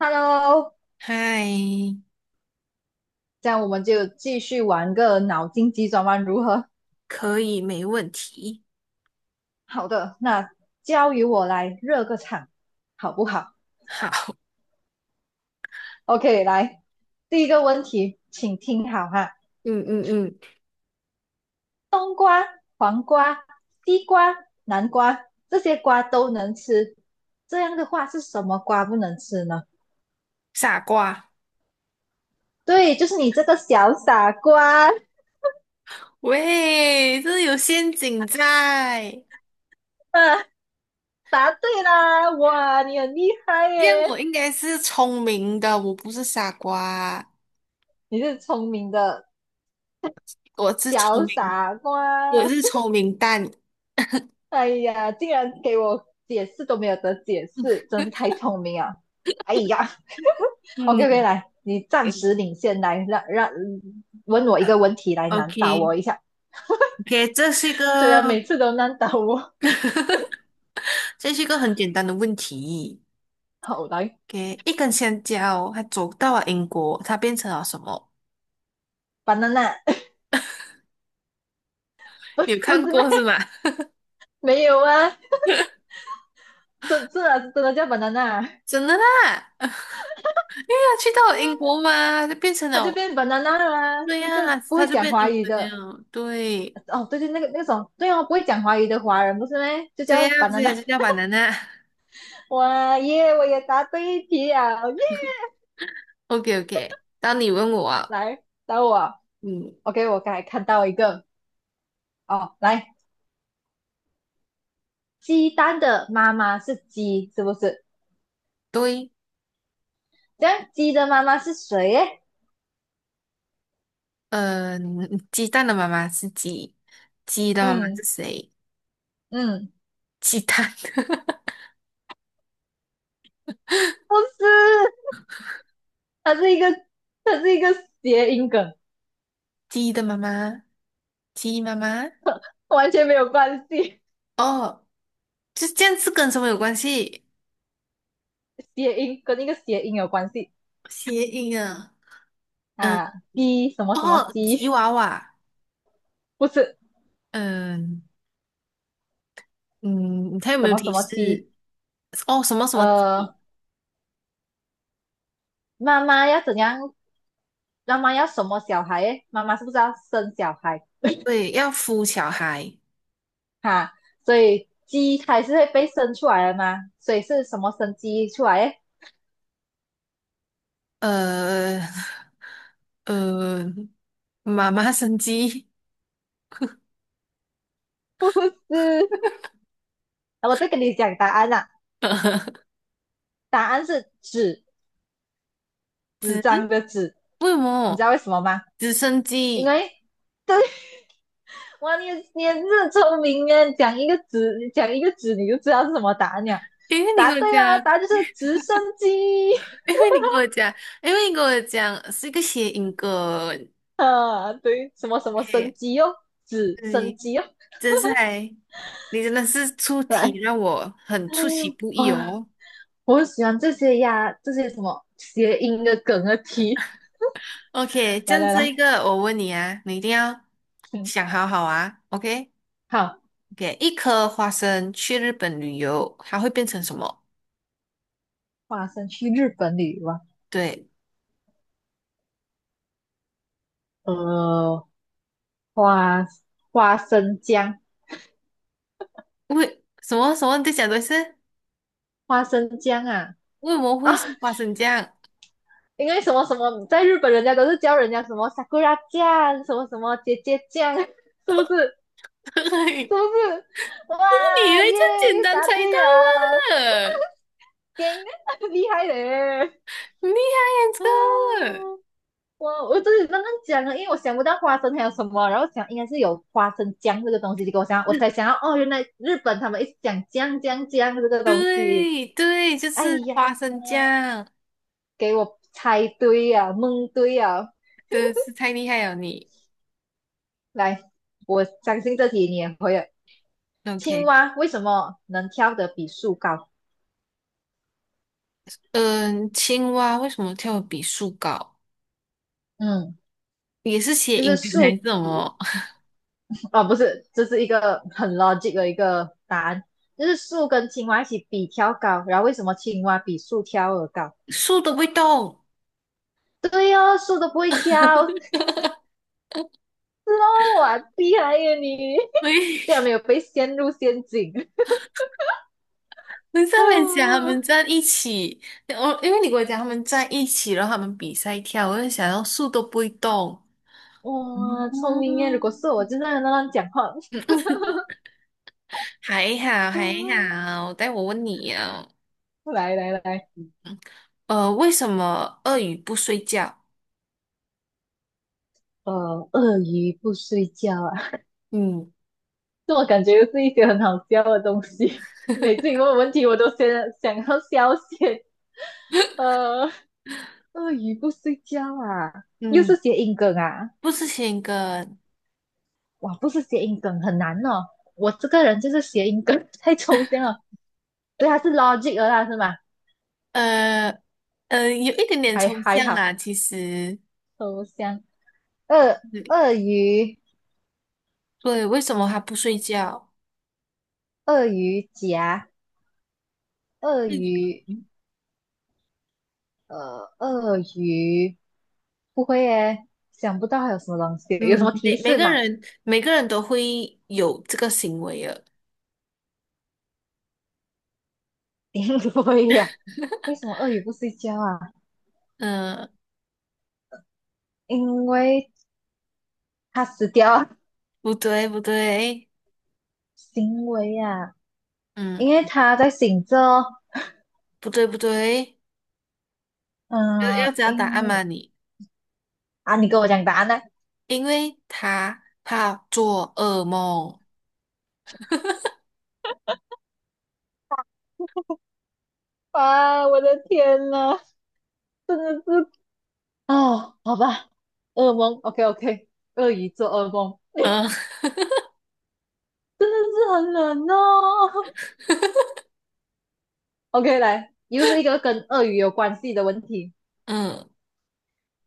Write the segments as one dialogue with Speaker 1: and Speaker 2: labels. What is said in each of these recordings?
Speaker 1: Hello，
Speaker 2: 嗨，
Speaker 1: 这样我们就继续玩个脑筋急转弯，如何？
Speaker 2: 可以，没问题。
Speaker 1: 好的，那交由我来热个场，好不好
Speaker 2: 好
Speaker 1: ？OK，来，第一个问题，请听好哈。
Speaker 2: 嗯嗯嗯，
Speaker 1: 冬瓜、黄瓜、西瓜、南瓜，这些瓜都能吃，这样的话是什么瓜不能吃呢？
Speaker 2: 傻瓜，
Speaker 1: 对，就是你这个小傻瓜。
Speaker 2: 喂，这有陷阱在。
Speaker 1: 啊，答对啦！哇，你很厉害
Speaker 2: 这样我
Speaker 1: 耶，
Speaker 2: 应该是聪明的，我不是傻瓜，
Speaker 1: 你是聪明的
Speaker 2: 我是聪
Speaker 1: 小
Speaker 2: 明，
Speaker 1: 傻瓜。
Speaker 2: 我是聪明蛋。
Speaker 1: 哎呀，竟然给我解释都没有得解释，真是太聪明啊！哎呀，OK OK，
Speaker 2: 嗯
Speaker 1: 来，你暂时领先，来让问我一个问题来难倒
Speaker 2: ，OK，OK，
Speaker 1: 我一下。
Speaker 2: 这是一个，
Speaker 1: 虽然每次都难倒我，
Speaker 2: 这是一个很简单的问题。
Speaker 1: 好来
Speaker 2: o 一根香蕉，它走到了英国，它变成了什么？
Speaker 1: ，banana 不
Speaker 2: 你有
Speaker 1: 不
Speaker 2: 看
Speaker 1: 是咩？
Speaker 2: 过是吗？
Speaker 1: 没有啊，这次啊真的叫 banana，啊
Speaker 2: 真的啦。他去到
Speaker 1: 因
Speaker 2: 了英
Speaker 1: 为
Speaker 2: 国嘛，就变成
Speaker 1: 他就
Speaker 2: 了
Speaker 1: 变 banana 了啊，
Speaker 2: 对
Speaker 1: 那个
Speaker 2: 呀、
Speaker 1: 不
Speaker 2: 他
Speaker 1: 会
Speaker 2: 就
Speaker 1: 讲
Speaker 2: 变
Speaker 1: 华
Speaker 2: 英
Speaker 1: 语
Speaker 2: 国人
Speaker 1: 的，
Speaker 2: 了。对，
Speaker 1: 哦对对，那个那种对哦，不会讲华语的华人不是咩？就
Speaker 2: 这
Speaker 1: 叫
Speaker 2: 样这样
Speaker 1: banana。
Speaker 2: 就叫 b a n。
Speaker 1: 哇耶，我也答对一题啊，耶！
Speaker 2: OK， OK，当你问我啊。
Speaker 1: 来，等我
Speaker 2: 嗯，
Speaker 1: ，OK，我刚才看到一个哦，来，鸡蛋的妈妈是鸡，是不是？
Speaker 2: 对，
Speaker 1: 这样鸡的妈妈是谁耶？
Speaker 2: 呃，鸡蛋的妈妈是鸡，鸡的妈妈是
Speaker 1: 嗯
Speaker 2: 谁？
Speaker 1: 嗯，
Speaker 2: 鸡蛋，
Speaker 1: 不是，它是一个，它是一个谐音梗，
Speaker 2: 鸡的妈妈，鸡妈妈。
Speaker 1: 完全没有关系，
Speaker 2: 哦，就这样是跟什么有关系？
Speaker 1: 谐音跟那个谐音有关系
Speaker 2: 谐音啊，嗯，
Speaker 1: 啊，鸡什么什么
Speaker 2: 哦，吉
Speaker 1: 鸡，
Speaker 2: 娃娃，
Speaker 1: 不是
Speaker 2: 嗯嗯，他有没
Speaker 1: 什
Speaker 2: 有
Speaker 1: 么什
Speaker 2: 提
Speaker 1: 么鸡，
Speaker 2: 示？哦，什么什么
Speaker 1: 呃，
Speaker 2: 吉？
Speaker 1: 妈妈要怎样？妈妈要什么小孩耶？妈妈是不是要生小孩？
Speaker 2: 对，要孵小孩，
Speaker 1: 哈，所以鸡它是会被生出来的嘛，所以是什么生鸡出来的。
Speaker 2: 呃呃，妈妈生鸡，
Speaker 1: 不是，我再跟你讲答案啦，答案是纸，纸
Speaker 2: 子
Speaker 1: 张的纸，
Speaker 2: 为什
Speaker 1: 你知道
Speaker 2: 么
Speaker 1: 为什么吗？
Speaker 2: 直升
Speaker 1: 因
Speaker 2: 机？
Speaker 1: 为，对，哇，你你也是聪明啊，讲一个纸，你讲一个纸，你就知道是什么答案了。
Speaker 2: 因为你
Speaker 1: 答
Speaker 2: 跟我
Speaker 1: 对啦，
Speaker 2: 讲，
Speaker 1: 答案就是直升机。
Speaker 2: 因为你跟我讲，因为你跟我讲是一个谐音梗。
Speaker 1: 啊，对，什么什么升
Speaker 2: OK，
Speaker 1: 机哦，直升
Speaker 2: 对，
Speaker 1: 机哦，
Speaker 2: 真是还，你真的是出题
Speaker 1: 来，
Speaker 2: 让我很出其 不 意
Speaker 1: 哇。
Speaker 2: 哦。
Speaker 1: 我很喜欢这些呀，这些什么谐音的梗的题。
Speaker 2: OK，这
Speaker 1: 来
Speaker 2: 样
Speaker 1: 来
Speaker 2: 这
Speaker 1: 来，
Speaker 2: 一个我问你啊，你一定要
Speaker 1: 嗯，
Speaker 2: 想好好啊。OK。
Speaker 1: 好，
Speaker 2: 给一颗花生去日本旅游，它会变成什么？
Speaker 1: 花生去日本旅游啊，
Speaker 2: 对，
Speaker 1: 呃，花花生酱，
Speaker 2: 为什么什么？你在讲的是
Speaker 1: 花生酱啊，
Speaker 2: 为什么
Speaker 1: 啊，
Speaker 2: 会是花生酱？
Speaker 1: 因为什么什么，在日本人家都是叫人家什么 sakura 酱，什么什么姐姐酱，是不是？是
Speaker 2: 嘿
Speaker 1: 不是？
Speaker 2: 你以
Speaker 1: 哇
Speaker 2: 为这
Speaker 1: 耶，
Speaker 2: 样简
Speaker 1: 又
Speaker 2: 单
Speaker 1: 答
Speaker 2: 猜到
Speaker 1: 对了，
Speaker 2: 啊？
Speaker 1: 天，厉害嘞！
Speaker 2: 厉害 呀，
Speaker 1: 嗯，
Speaker 2: 这个！
Speaker 1: 我自己刚刚讲了，因为我想不到花生还有什么，然后想应该是有花生酱这个东西，结果我想我才想到哦，原来日本他们一直讲酱酱酱这 个东西。
Speaker 2: 对对，就
Speaker 1: 哎
Speaker 2: 是
Speaker 1: 呀，
Speaker 2: 花生酱，
Speaker 1: 给我猜对呀、蒙对呀！
Speaker 2: 真的是太厉害了你。
Speaker 1: 来，我相信这题你也会了。青
Speaker 2: OK，
Speaker 1: 蛙为什么能跳得比树高？
Speaker 2: 嗯，青蛙为什么跳得比树高？
Speaker 1: 嗯，
Speaker 2: 也是写
Speaker 1: 就
Speaker 2: 音
Speaker 1: 是
Speaker 2: 梗还
Speaker 1: 树
Speaker 2: 是什么？
Speaker 1: 哦，不是，这是一个很 logic 的一个答案，就是树跟青蛙一起比跳高，然后为什么青蛙比树跳得高？
Speaker 2: 树都不会动。
Speaker 1: 对哦，树都不会跳，是哦，哇，厉害耶你！竟然
Speaker 2: 对，
Speaker 1: 没有被陷入陷阱。
Speaker 2: 你在 美讲他
Speaker 1: 啊！
Speaker 2: 们站一起，我因为你跟我讲他们站一起，然后他们比赛跳，我就想要树都不会动。
Speaker 1: 哇，聪明耶！如果是我，
Speaker 2: 嗯，
Speaker 1: 就在那乱讲话。
Speaker 2: 还好还
Speaker 1: 啊！
Speaker 2: 好，待我问你啊，
Speaker 1: 来来来，
Speaker 2: 为什么鳄鱼不睡觉？
Speaker 1: 呃，鳄鱼不睡觉啊，
Speaker 2: 嗯
Speaker 1: 这我感觉又是一些很好笑的东西。每次你问我问题，我都先想要笑先。呃，鳄鱼不睡觉啊，又是
Speaker 2: 嗯，
Speaker 1: 谐音梗啊！
Speaker 2: 不吃先跟，
Speaker 1: 哇，不是谐音梗，很难哦。我这个人就是谐音梗太抽象了，所以它是 logic 了啦，是吗？
Speaker 2: 呃有一点点
Speaker 1: 还
Speaker 2: 抽
Speaker 1: 还
Speaker 2: 象
Speaker 1: 好，
Speaker 2: 啦，其实，
Speaker 1: 头香，鳄
Speaker 2: 对，
Speaker 1: 鳄鱼
Speaker 2: 对，为什么它不睡觉？
Speaker 1: 鳄鱼夹鳄
Speaker 2: 鳄鱼
Speaker 1: 鱼呃鳄鱼，不会耶，想不到还有什么东西，有什
Speaker 2: 嗯，
Speaker 1: 么
Speaker 2: 每
Speaker 1: 提
Speaker 2: 每
Speaker 1: 示
Speaker 2: 个
Speaker 1: 吗？
Speaker 2: 人每个人都会有这个行为的。
Speaker 1: 不会呀、为什么鳄鱼不睡觉啊？
Speaker 2: 嗯，
Speaker 1: 因为它死掉啊，
Speaker 2: 不对，不对，
Speaker 1: 行为啊，
Speaker 2: 嗯，
Speaker 1: 因为它在醒着
Speaker 2: 不对，不对，
Speaker 1: 哦，
Speaker 2: 要知道答案吗你？
Speaker 1: 啊，你跟我讲答案呢？
Speaker 2: 因为他怕做噩梦，
Speaker 1: 啊，我的天呐，真的是哦，好吧，噩梦，OK OK，鳄鱼做噩梦，
Speaker 2: 嗯
Speaker 1: 真的是很冷哦。OK，来，又是一个跟鳄鱼有关系的问题，
Speaker 2: 嗯，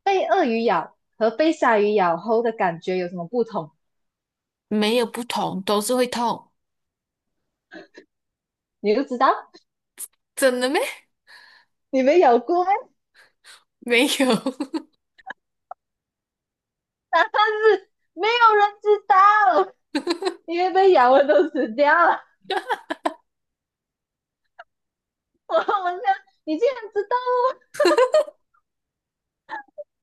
Speaker 1: 被鳄鱼咬和被鲨鱼咬后的感觉有什么不同？
Speaker 2: 没有不同，都是会痛，
Speaker 1: 你都知道，
Speaker 2: 真的咩？
Speaker 1: 你没咬过咩，
Speaker 2: 没有
Speaker 1: 答案是没有人知道，因为被咬的都死掉了。我想你竟然知道哦，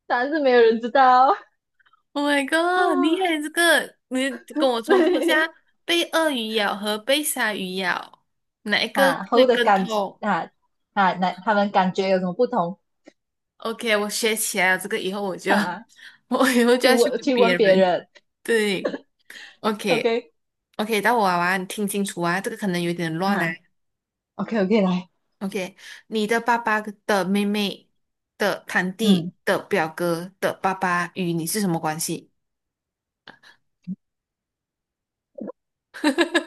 Speaker 1: 答案是没有人知道。
Speaker 2: ，Oh my god，厉
Speaker 1: 啊，
Speaker 2: 害这个，你跟我重复一
Speaker 1: 对，
Speaker 2: 下，被鳄鱼咬和被鲨鱼咬，哪一 个
Speaker 1: 啊，
Speaker 2: 会
Speaker 1: 后的
Speaker 2: 更
Speaker 1: 感
Speaker 2: 痛
Speaker 1: 啊，啊，那他们感觉有什么不同？
Speaker 2: ？OK，我学起来了，这个以后我 就
Speaker 1: 哈，
Speaker 2: 我以后就要去问
Speaker 1: 去问
Speaker 2: 别
Speaker 1: 别
Speaker 2: 人，
Speaker 1: 人。
Speaker 2: 对，OK。
Speaker 1: OK，
Speaker 2: OK，到我娃娃，你听清楚啊，这个可能有点乱啊。
Speaker 1: 哈，OK OK，来，
Speaker 2: OK，你的爸爸的妹妹的堂弟
Speaker 1: 嗯，
Speaker 2: 的表哥的爸爸与你是什么关系？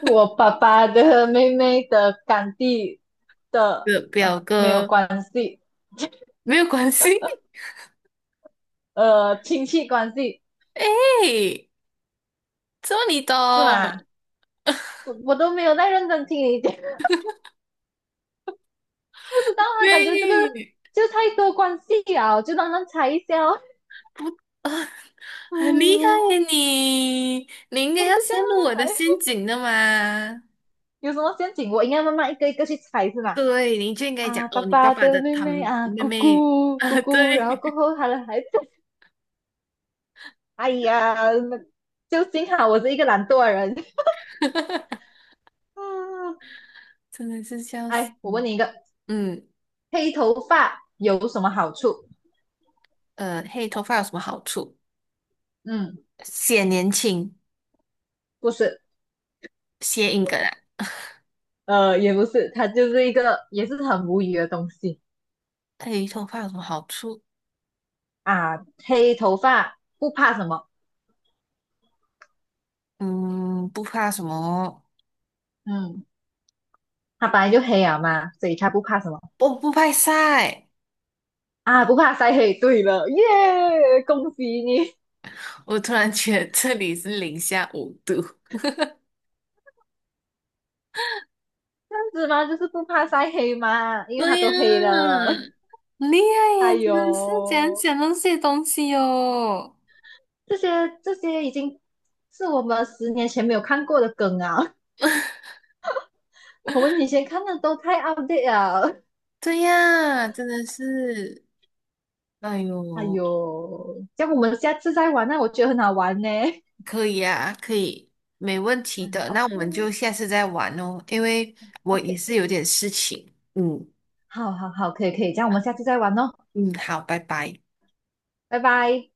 Speaker 1: 我 爸爸的 妹妹的干弟的，
Speaker 2: 的
Speaker 1: 呃
Speaker 2: 表
Speaker 1: 没有
Speaker 2: 哥
Speaker 1: 关系，
Speaker 2: 没有关系。
Speaker 1: 呃亲戚关系
Speaker 2: 哎，这么你懂？
Speaker 1: 是吗？我都没有在认真听你讲，不知道啊，感觉这个
Speaker 2: 对，
Speaker 1: 就太多关系了，我就慢慢猜一下哦。
Speaker 2: 不啊，很厉害
Speaker 1: 嗯，
Speaker 2: 呀你！你应
Speaker 1: 我
Speaker 2: 该
Speaker 1: 是
Speaker 2: 要
Speaker 1: 这
Speaker 2: 陷
Speaker 1: 样
Speaker 2: 入我的
Speaker 1: 慢慢来，
Speaker 2: 陷阱的嘛？
Speaker 1: 有什么陷阱我应该慢慢一个一个去猜是 吗？
Speaker 2: 对，你就应该讲
Speaker 1: 啊，爸
Speaker 2: 哦，你爸
Speaker 1: 爸
Speaker 2: 爸
Speaker 1: 的
Speaker 2: 的
Speaker 1: 妹妹
Speaker 2: 堂
Speaker 1: 啊，
Speaker 2: 妹
Speaker 1: 姑
Speaker 2: 妹
Speaker 1: 姑姑
Speaker 2: 啊，
Speaker 1: 姑，然后过
Speaker 2: 对。
Speaker 1: 后他的孩子，哎呀，那就幸好我是一个懒惰的人。嗯，
Speaker 2: 真的是笑死。
Speaker 1: 哎，我
Speaker 2: 嗯，
Speaker 1: 问你一个，
Speaker 2: 嗯
Speaker 1: 黑头发有什么好处？
Speaker 2: 黑头发有什么好处？
Speaker 1: 嗯，
Speaker 2: 显年轻，
Speaker 1: 不是，
Speaker 2: 谐音梗啊。
Speaker 1: 呃，也不是，它就是一个也是很无语的东西
Speaker 2: 黑头发有什么好处？
Speaker 1: 啊。黑头发不怕什么？
Speaker 2: 嗯，不怕什么？
Speaker 1: 嗯，它本来就黑啊嘛，所以它不怕什么
Speaker 2: 我不怕晒。
Speaker 1: 啊？不怕晒黑。对了，耶，恭喜你！
Speaker 2: 我突然觉得这里是零下5度。
Speaker 1: 这样子嘛，就是不怕晒黑嘛，因为它
Speaker 2: 对呀，
Speaker 1: 都黑了。
Speaker 2: 很厉害耶！
Speaker 1: 哎
Speaker 2: 真的是怎
Speaker 1: 呦。
Speaker 2: 样那些东西哟、
Speaker 1: 这些这些已经是我们10年前没有看过的梗啊，我们以前看的都太 outdate 了。
Speaker 2: 对呀，真的是，哎
Speaker 1: 哎
Speaker 2: 呦，
Speaker 1: 呦，这样我们下次再玩那我觉得很好玩呢。
Speaker 2: 可以啊，可以，没问题的。那
Speaker 1: OK
Speaker 2: 我们就下次再玩哦，因为我也
Speaker 1: OK，
Speaker 2: 是有点事情。嗯
Speaker 1: 好好好，可以可以，这样我们下次再玩哦，
Speaker 2: 嗯，好，拜拜。
Speaker 1: 拜拜。